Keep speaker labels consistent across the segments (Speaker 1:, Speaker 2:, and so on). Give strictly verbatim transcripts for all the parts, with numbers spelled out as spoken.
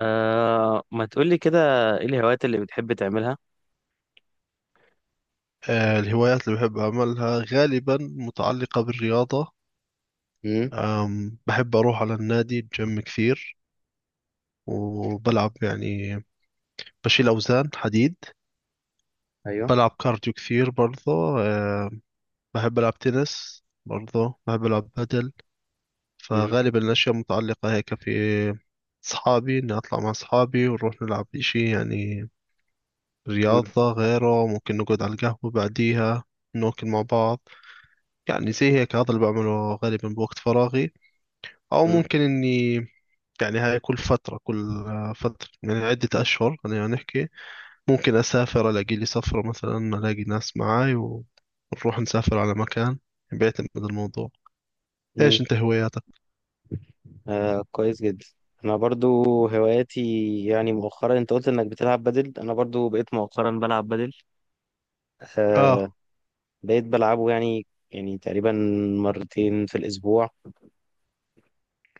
Speaker 1: آه، ما تقولي كده. ايه الهوايات اللي بتحب تعملها؟
Speaker 2: آه، الهوايات اللي بحب أعملها غالبا متعلقة بالرياضة.
Speaker 1: مم.
Speaker 2: أم، بحب أروح على النادي الجيم كثير وبلعب يعني بشيل أوزان حديد.
Speaker 1: ايوه.
Speaker 2: بلعب كارديو كثير برضه. آه، بحب ألعب تنس برضه بحب ألعب بدل.
Speaker 1: مم.
Speaker 2: فغالبا الأشياء متعلقة هيك في أصحابي، إني أطلع مع أصحابي ونروح نلعب إشي يعني
Speaker 1: مم.
Speaker 2: رياضة غيره. ممكن نقعد على القهوة بعديها ناكل مع بعض، يعني زي هيك هذا اللي بعمله غالبا بوقت فراغي. او
Speaker 1: مم.
Speaker 2: ممكن اني يعني هاي كل فترة كل آه، فترة يعني عدة اشهر خلينا نحكي، ممكن اسافر الاقي لي سفرة مثلا الاقي ناس معاي ونروح نسافر على مكان، بيعتمد الموضوع.
Speaker 1: مم.
Speaker 2: ايش انت هواياتك؟
Speaker 1: آه، كويس جدا. انا برضو، هواياتي، يعني مؤخرا انت قلت انك بتلعب بدل، انا برضو بقيت مؤخرا بلعب بدل. آه.
Speaker 2: اه،
Speaker 1: بقيت بلعبه، يعني يعني تقريبا مرتين في الاسبوع.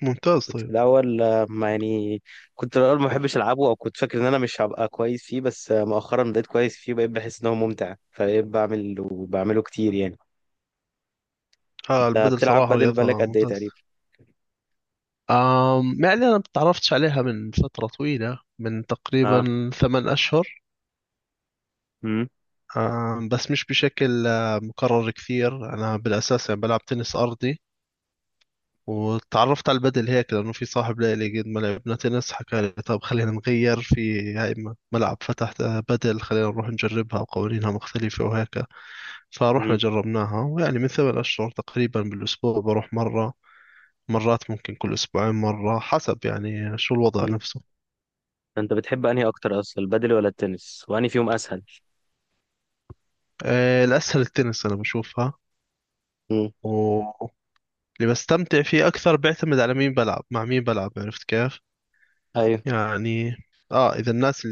Speaker 2: ممتاز
Speaker 1: كنت في
Speaker 2: طيب.
Speaker 1: الاول آه، ما يعني، كنت في الاول ما بحبش العبه او كنت فاكر ان انا مش هبقى كويس فيه، بس آه، مؤخرا بقيت كويس فيه، بقيت بحس ان هو ممتع، فبقيت بعمل وبعمله كتير يعني.
Speaker 2: اه،
Speaker 1: انت
Speaker 2: البدل
Speaker 1: بتلعب
Speaker 2: صراحة
Speaker 1: بدل بالك
Speaker 2: رياضة
Speaker 1: قد ايه تقريبا؟
Speaker 2: ممتازة. آم يعني أنا تعرفتش عليها من فترة طويلة، من
Speaker 1: اه.
Speaker 2: تقريبا ثمان أشهر.
Speaker 1: امم.
Speaker 2: آم بس مش بشكل آه، مكرر كثير. أنا بالأساس يعني بلعب تنس أرضي، واتعرفت على البدل هيك لأنه في صاحب لي اللي قد ما لعبنا تنس حكى لي طب خلينا نغير في هاي م- ملعب فتح بدل، خلينا نروح نجربها وقوانينها مختلفة وهيك. فروحنا
Speaker 1: امم.
Speaker 2: جربناها، ويعني من ثمان أشهر تقريبا بالأسبوع بروح مرة، مرات ممكن كل أسبوعين مرة حسب يعني شو الوضع
Speaker 1: امم.
Speaker 2: نفسه.
Speaker 1: انت بتحب انهي اكتر اصلا، البادل ولا التنس، وانهي فيهم اسهل؟
Speaker 2: آه، الأسهل التنس أنا بشوفها.
Speaker 1: امم.
Speaker 2: واللي بستمتع فيه أكثر بيعتمد على مين بلعب، مع مين بلعب، عرفت كيف
Speaker 1: ايوه.
Speaker 2: يعني. آه إذا الناس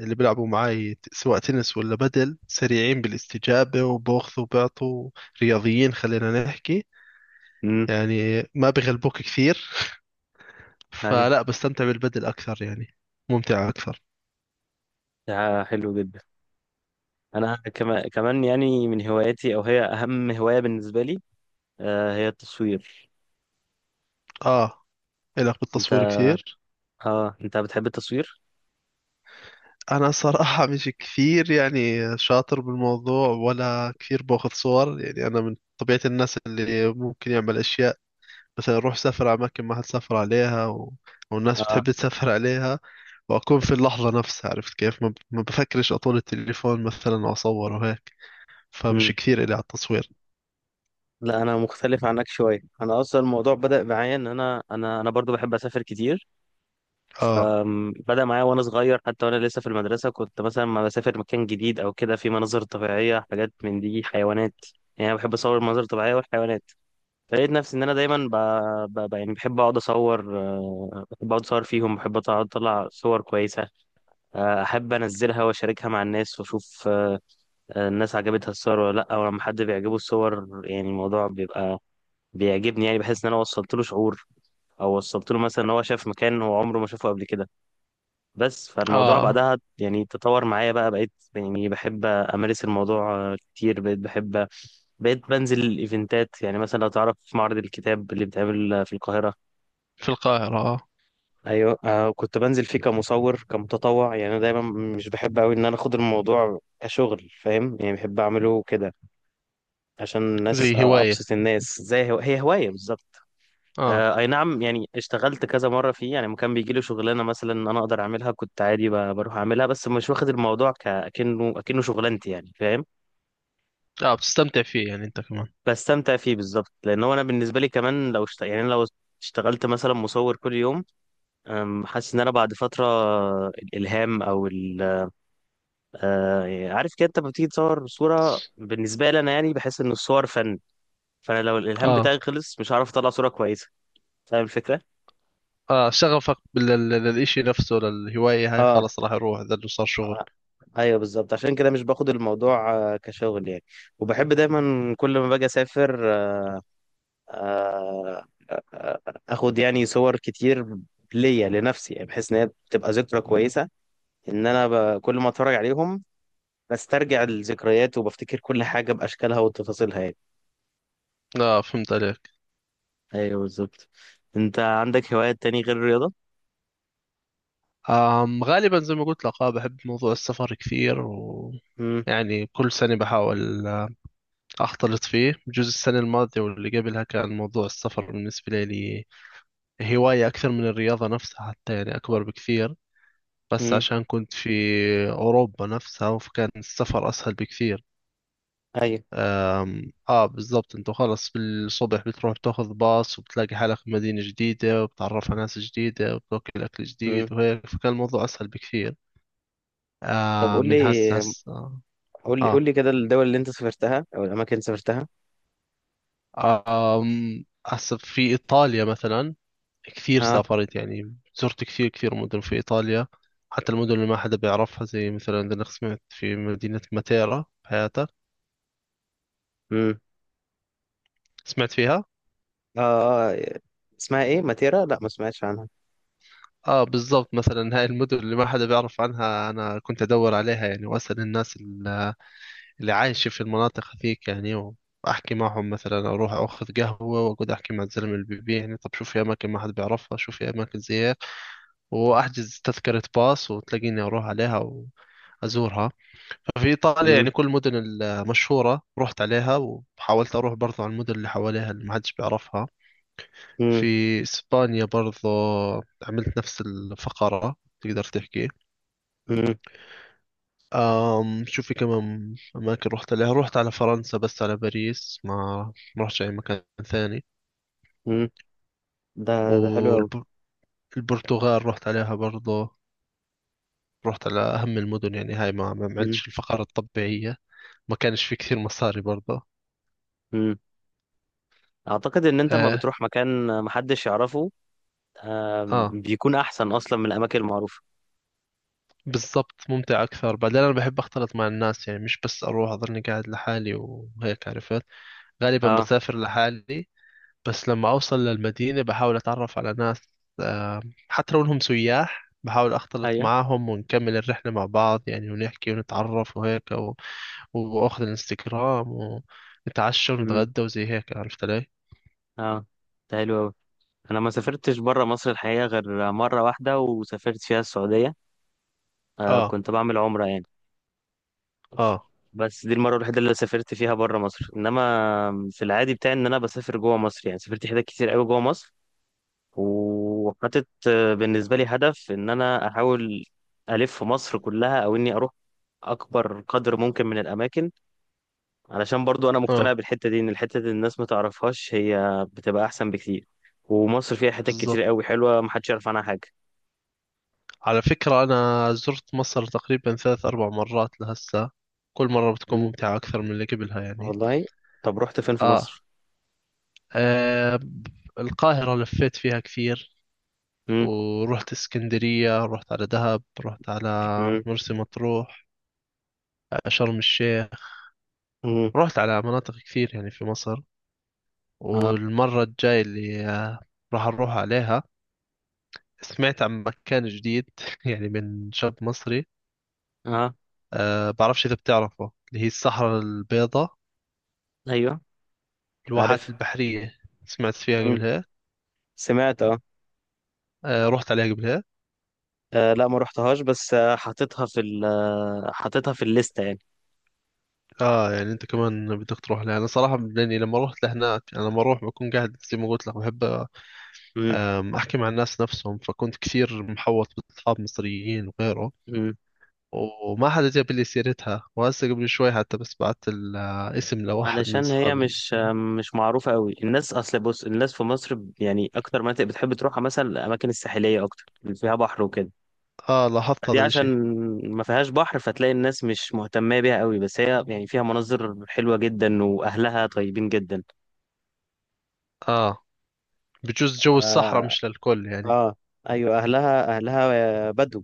Speaker 2: اللي بيلعبوا معاي ت- سواء تنس ولا بدل سريعين بالاستجابة وباخذوا وبعطوا، رياضيين خلينا نحكي،
Speaker 1: امم.
Speaker 2: يعني ما بغلبوك كثير
Speaker 1: ايوه.
Speaker 2: فلا بستمتع بالبدل أكثر يعني، ممتع أكثر.
Speaker 1: ده حلو جدا. انا كمان كمان، يعني من هواياتي، او هي اهم هواية بالنسبة لي، آه، هي التصوير.
Speaker 2: آه. إلك
Speaker 1: انت،
Speaker 2: بالتصوير كثير.
Speaker 1: اه انت بتحب التصوير؟
Speaker 2: أنا صراحة مش كثير يعني شاطر بالموضوع ولا كثير باخذ صور. يعني أنا من طبيعة الناس اللي ممكن يعمل أشياء، مثلا روح سافر على أماكن ما حد سافر عليها، و... والناس بتحب
Speaker 1: اه.
Speaker 2: تسافر عليها، واكون في اللحظة نفسها عرفت كيف، ما ب- ما بفكرش اطول التليفون مثلا واصور وهيك. فمش
Speaker 1: امم.
Speaker 2: كثير إلي على التصوير.
Speaker 1: لا انا مختلف عنك شوية، انا اصلا الموضوع بدأ معايا ان انا انا انا برضو بحب اسافر كتير.
Speaker 2: اه.
Speaker 1: فبدأ معايا وأنا صغير، حتى وأنا لسه في المدرسة كنت مثلا ما بسافر مكان جديد أو كده، في مناظر طبيعية، حاجات من دي، حيوانات. يعني أنا بحب أصور المناظر الطبيعية والحيوانات. فلقيت نفسي إن أنا دايما ب... ب... ب... يعني بحب أقعد أصور. آه، بحب أقعد أصور فيهم، بحب أقعد أطلع صور كويسة. آه، أحب أنزلها وأشاركها مع الناس وأشوف آه، آه، الناس عجبتها الصور ولا لأ. ولما حد بيعجبه الصور يعني الموضوع بيبقى بيعجبني، يعني بحس إن أنا وصلت له شعور، أو وصلت له مثلا إن هو شاف مكان هو عمره ما شافه قبل كده. بس فالموضوع
Speaker 2: اه،
Speaker 1: بعدها يعني تطور معايا بقى، بقيت يعني بحب أمارس الموضوع آه، كتير، بقيت بحب بقيت بنزل الإيفنتات. يعني مثلا لو تعرف معرض الكتاب اللي بيتعمل آه، في القاهرة.
Speaker 2: في القاهرة. اه،
Speaker 1: أيوة آه، كنت بنزل فيه كمصور كمتطوع، يعني أنا دايما مش بحب أوي إن أنا أخد الموضوع كشغل، فاهم يعني، بحب أعمله كده عشان الناس،
Speaker 2: زي
Speaker 1: آه،
Speaker 2: هواية.
Speaker 1: أبسط الناس، زي هو... هي هواية بالظبط.
Speaker 2: اه.
Speaker 1: آه، اي نعم، يعني اشتغلت كذا مره فيه، يعني لما كان بيجي لي شغلانه مثلا انا اقدر اعملها كنت عادي ب- بروح اعملها، بس مش واخد الموضوع كأنه اكنه شغلانتي، يعني فاهم.
Speaker 2: اه، بتستمتع فيه يعني انت كمان.
Speaker 1: بستمتع فيه بالظبط، لان هو انا بالنسبه لي كمان لو اشت... يعني أنا لو اشتغلت مثلا مصور كل يوم، أم، حاسس ان انا بعد فتره الالهام او ال... آه، عارف كده، انت لما بتيجي تصور صوره، بالنسبه لي انا يعني بحس ان الصور فن. فانا لو الالهام
Speaker 2: اه
Speaker 1: بتاعي خلص مش هعرف اطلع صوره كويسه، فاهم الفكره؟
Speaker 2: اه، شغفك بال- لل- للإشي نفسه، للهواية هاي
Speaker 1: اه.
Speaker 2: خلاص راح يروح اذا إنه صار شغل.
Speaker 1: ايوه بالظبط، عشان كده مش باخد الموضوع آه، كشغل يعني. وبحب دايما كل ما باجي اسافر آه، اخد يعني صور كتير ليا لنفسي، يعني بحيث ان هي بتبقى ذكرى كويسه ان انا ب... كل ما اتفرج عليهم بسترجع الذكريات وبفتكر كل حاجه باشكالها وتفاصيلها يعني.
Speaker 2: اه، فهمت عليك.
Speaker 1: ايوه بالظبط. انت عندك هوايات تاني غير الرياضه؟
Speaker 2: آم غالبا زي ما قلت لك، اه بحب موضوع السفر كثير، و
Speaker 1: امم.
Speaker 2: يعني كل سنة بحاول آه، أختلط فيه. بجوز السنة الماضية واللي قبلها كان موضوع السفر بالنسبة لي هواية أكثر من الرياضة نفسها حتى، يعني أكبر بكثير. بس
Speaker 1: امم.
Speaker 2: عشان كنت في أوروبا نفسها، فكان السفر أسهل بكثير.
Speaker 1: ايوه.
Speaker 2: أم آه بالضبط، أنت خلص بالصبح بتروح تاخذ باص وبتلاقي حالك في مدينة جديدة وبتعرف على ناس جديدة وبتاكل أكل
Speaker 1: امم.
Speaker 2: جديد وهيك، فكان الموضوع أسهل بكثير.
Speaker 1: طب
Speaker 2: آه
Speaker 1: قول
Speaker 2: من هسه
Speaker 1: لي،
Speaker 2: هسه آه
Speaker 1: قول لي
Speaker 2: آه
Speaker 1: قول لي كده الدول اللي انت سافرتها او الاماكن اللي سافرتها.
Speaker 2: آه، آم، هسه في إيطاليا مثلا، كثير
Speaker 1: ها.
Speaker 2: سافرت. يعني زرت كثير كثير مدن في إيطاليا، حتى المدن اللي ما حدا بيعرفها، زي مثلا أنا سمعت في مدينة ماتيرا. بحياتك
Speaker 1: امم.
Speaker 2: سمعت فيها؟
Speaker 1: اه. آه، اسمها ايه ماتيرا؟ لا ما سمعتش عنها.
Speaker 2: آه بالضبط. مثلا هاي المدن اللي ما حدا بيعرف عنها أنا كنت أدور عليها، يعني وأسأل الناس ال- اللي عايشة في المناطق هذيك يعني، وأحكي معهم. مثلا أروح أخذ قهوة وأقعد أحكي مع الزلمة اللي بيبيع، يعني طب شو في أماكن ما حدا بيعرفها، شو في أماكن زي هيك. وأحجز تذكرة باص وتلاقيني أروح عليها وأزورها. في إيطاليا يعني كل المدن المشهورة رحت عليها، وحاولت أروح برضو على المدن اللي حواليها اللي ما حدش بيعرفها. في
Speaker 1: مم.
Speaker 2: إسبانيا برضو عملت نفس الفقرة تقدر تحكي.
Speaker 1: مم.
Speaker 2: أم شو في كمان أماكن رحت عليها. رحت على فرنسا بس على باريس، ما ما رحتش أي مكان ثاني.
Speaker 1: مم. ده ده حلو قوي.
Speaker 2: والبرتغال رحت عليها برضو، رحت على أهم المدن يعني، هاي ما ما
Speaker 1: مم.
Speaker 2: عملتش الفقرة الطبيعية. ما كانش في كثير مصاري برضو.
Speaker 1: مم. اعتقد ان انت ما
Speaker 2: آه.
Speaker 1: بتروح مكان محدش يعرفه. آم،
Speaker 2: آه
Speaker 1: بيكون احسن اصلا من الاماكن المعروفه.
Speaker 2: بالضبط، ممتع أكثر. بعدين أنا بحب أختلط مع الناس يعني، مش بس أروح أظني قاعد لحالي وهيك عرفت. غالبا
Speaker 1: اه.
Speaker 2: بسافر لحالي، بس لما أوصل للمدينة بحاول أتعرف على ناس. آه، حتى لو إنهم سياح بحاول أختلط
Speaker 1: ايوه.
Speaker 2: معاهم ونكمل الرحلة مع بعض يعني، ونحكي ونتعرف وهيك، و... وأخذ الانستغرام، ونتعشى
Speaker 1: مم.
Speaker 2: ونتغدى وزي هيك، عرفت علي؟
Speaker 1: اه. ده حلو قوي. انا ما سافرتش بره مصر الحقيقه غير مره واحده، وسافرت فيها السعوديه. آه،
Speaker 2: آه
Speaker 1: كنت بعمل عمره يعني.
Speaker 2: آه
Speaker 1: بس دي المره الوحيده اللي سافرت فيها بره مصر، انما في العادي بتاعي ان انا بسافر جوه مصر، يعني سافرت حتت كتير قوي جوه مصر، وحاطط آه، بالنسبة لي هدف إن أنا أحاول ألف مصر كلها، أو إني أروح أكبر قدر ممكن من الأماكن. علشان برضو أنا مقتنع
Speaker 2: آه
Speaker 1: بالحتة دي، إن الحتة دي الناس ما تعرفهاش هي بتبقى أحسن بكتير. ومصر فيها حتت كتير
Speaker 2: بالضبط.
Speaker 1: قوي حلوة محدش يعرف عنها حاجة.
Speaker 2: على فكرة أنا زرت مصر تقريبا ثلاث أربع مرات لهسه. كل مرة بتكون
Speaker 1: مم.
Speaker 2: ممتعة أكثر من اللي قبلها يعني.
Speaker 1: والله. طب رحت فين في
Speaker 2: آه,
Speaker 1: مصر؟
Speaker 2: آه ب- القاهرة لفيت فيها كثير،
Speaker 1: مم.
Speaker 2: ورحت اسكندرية، رحت على دهب، رحت على
Speaker 1: مم.
Speaker 2: مرسى مطروح، آه، شرم الشيخ.
Speaker 1: مم.
Speaker 2: رحت على مناطق كثير يعني في مصر.
Speaker 1: آه.
Speaker 2: والمرة الجاية اللي آه راح أروح عليها، سمعت عن مكان جديد يعني من شاب مصري.
Speaker 1: آه.
Speaker 2: آه بعرفش إذا بتعرفه، اللي هي الصحراء البيضاء،
Speaker 1: أيوه
Speaker 2: الواحات
Speaker 1: عارف.
Speaker 2: البحرية. سمعت فيها
Speaker 1: مم.
Speaker 2: قبلها.
Speaker 1: سمعت آه.
Speaker 2: آه، رحت عليها قبلها.
Speaker 1: آه، لا ما رحتهاش، بس آه، حاططها في ال آه، حاططها في الليستة يعني.
Speaker 2: اه، يعني انت كمان بدك تروح لها. انا صراحة لاني لما رحت لهناك، انا لما اروح بكون قاعد زي ما قلت لك بحب
Speaker 1: مم.
Speaker 2: آم، احكي مع الناس نفسهم، فكنت كثير محوط باصحاب مصريين وغيره.
Speaker 1: مم.
Speaker 2: وما حدا جاب لي سيرتها، وهسه قبل شوي حتى بس بعت الاسم لواحد من
Speaker 1: علشان هي
Speaker 2: اصحابي
Speaker 1: مش
Speaker 2: المصريين.
Speaker 1: مش معروفة قوي. الناس، أصل بص، الناس في مصر ب- يعني أكتر مناطق بتحب تروحها مثلا الأماكن الساحلية، أكتر اللي فيها بحر وكده.
Speaker 2: اه، لاحظت
Speaker 1: فدي
Speaker 2: هذا
Speaker 1: عشان
Speaker 2: الاشي.
Speaker 1: ما فيهاش بحر فتلاقي الناس مش مهتمة بيها قوي، بس هي يعني فيها مناظر حلوة جدا وأهلها طيبين جدا.
Speaker 2: اه، بجوز جو الصحراء
Speaker 1: آه.
Speaker 2: مش للكل يعني.
Speaker 1: آه. أيوة، أهلها أهلها بدو،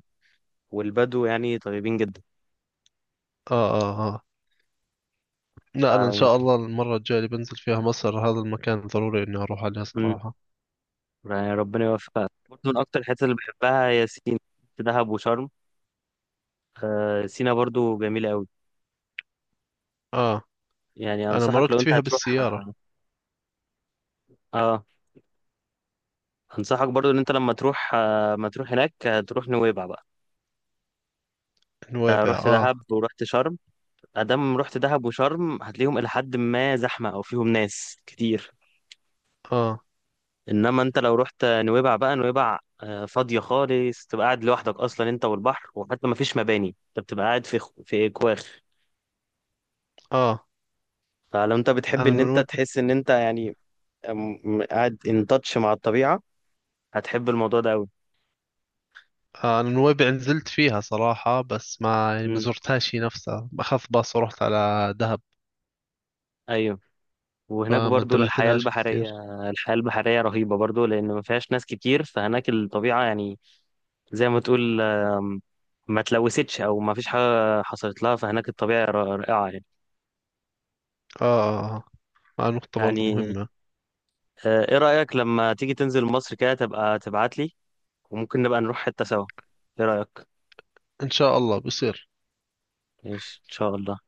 Speaker 1: والبدو يعني طيبين جدا.
Speaker 2: اه. اه. آه. لا أنا إن
Speaker 1: آه.
Speaker 2: شاء الله المرة الجاية اللي بنزل فيها مصر هذا المكان ضروري إني أروح عليه
Speaker 1: مم.
Speaker 2: صراحة.
Speaker 1: يعني ربنا يوفقها. برضه من أكتر الحتت اللي بحبها هي سينا، دهب وشرم. آه، سينا برضو جميلة قوي،
Speaker 2: آه.
Speaker 1: يعني
Speaker 2: أنا
Speaker 1: انصحك لو
Speaker 2: مرقت
Speaker 1: انت
Speaker 2: فيها
Speaker 1: هتروح.
Speaker 2: بالسيارة.
Speaker 1: اه. انصحك برضو ان انت لما تروح آه، ما تروح هناك، آه، تروح نويبع بقى. انت
Speaker 2: نويبع.
Speaker 1: رحت
Speaker 2: آه
Speaker 1: دهب ورحت شرم، ادام رحت دهب وشرم هتلاقيهم الى حد ما زحمه او فيهم ناس كتير.
Speaker 2: آه
Speaker 1: انما انت لو رحت نويبع بقى، نويبع آه، فاضيه خالص، تبقى قاعد لوحدك اصلا انت والبحر، وحتى ما فيش مباني، انت بتبقى قاعد في خ- في كواخ.
Speaker 2: آه
Speaker 1: فلو انت بتحب
Speaker 2: أنا
Speaker 1: ان انت
Speaker 2: نويبع
Speaker 1: تحس ان انت يعني آم، قاعد ان تاتش مع الطبيعه، هتحب الموضوع ده قوي.
Speaker 2: آه أنا نويبع نزلت فيها صراحة، بس ما يعني ما
Speaker 1: امم.
Speaker 2: زرتهاش هي نفسها. أخذت باص ورحت على دهب
Speaker 1: ايوه. وهناك
Speaker 2: فما
Speaker 1: برضو
Speaker 2: انتبهت
Speaker 1: الحياة
Speaker 2: لهاش
Speaker 1: البحرية.
Speaker 2: كثير.
Speaker 1: الحياة البحرية رهيبة برضو، لأن ما فيهاش ناس كتير فهناك الطبيعة يعني، زي ما تقول آم، ما تلوثتش أو ما فيش حاجة حصلت لها، فهناك الطبيعة ر- رائعة يعني.
Speaker 2: آه آه آه آه، آه، نقطة برضه
Speaker 1: يعني
Speaker 2: مهمة.
Speaker 1: آه، إيه رأيك لما تيجي تنزل مصر كده تبقى تبعت لي، وممكن نبقى نروح حتة سوا، إيه رأيك؟
Speaker 2: إن شاء الله بيصير.
Speaker 1: ماشي إن شاء الله.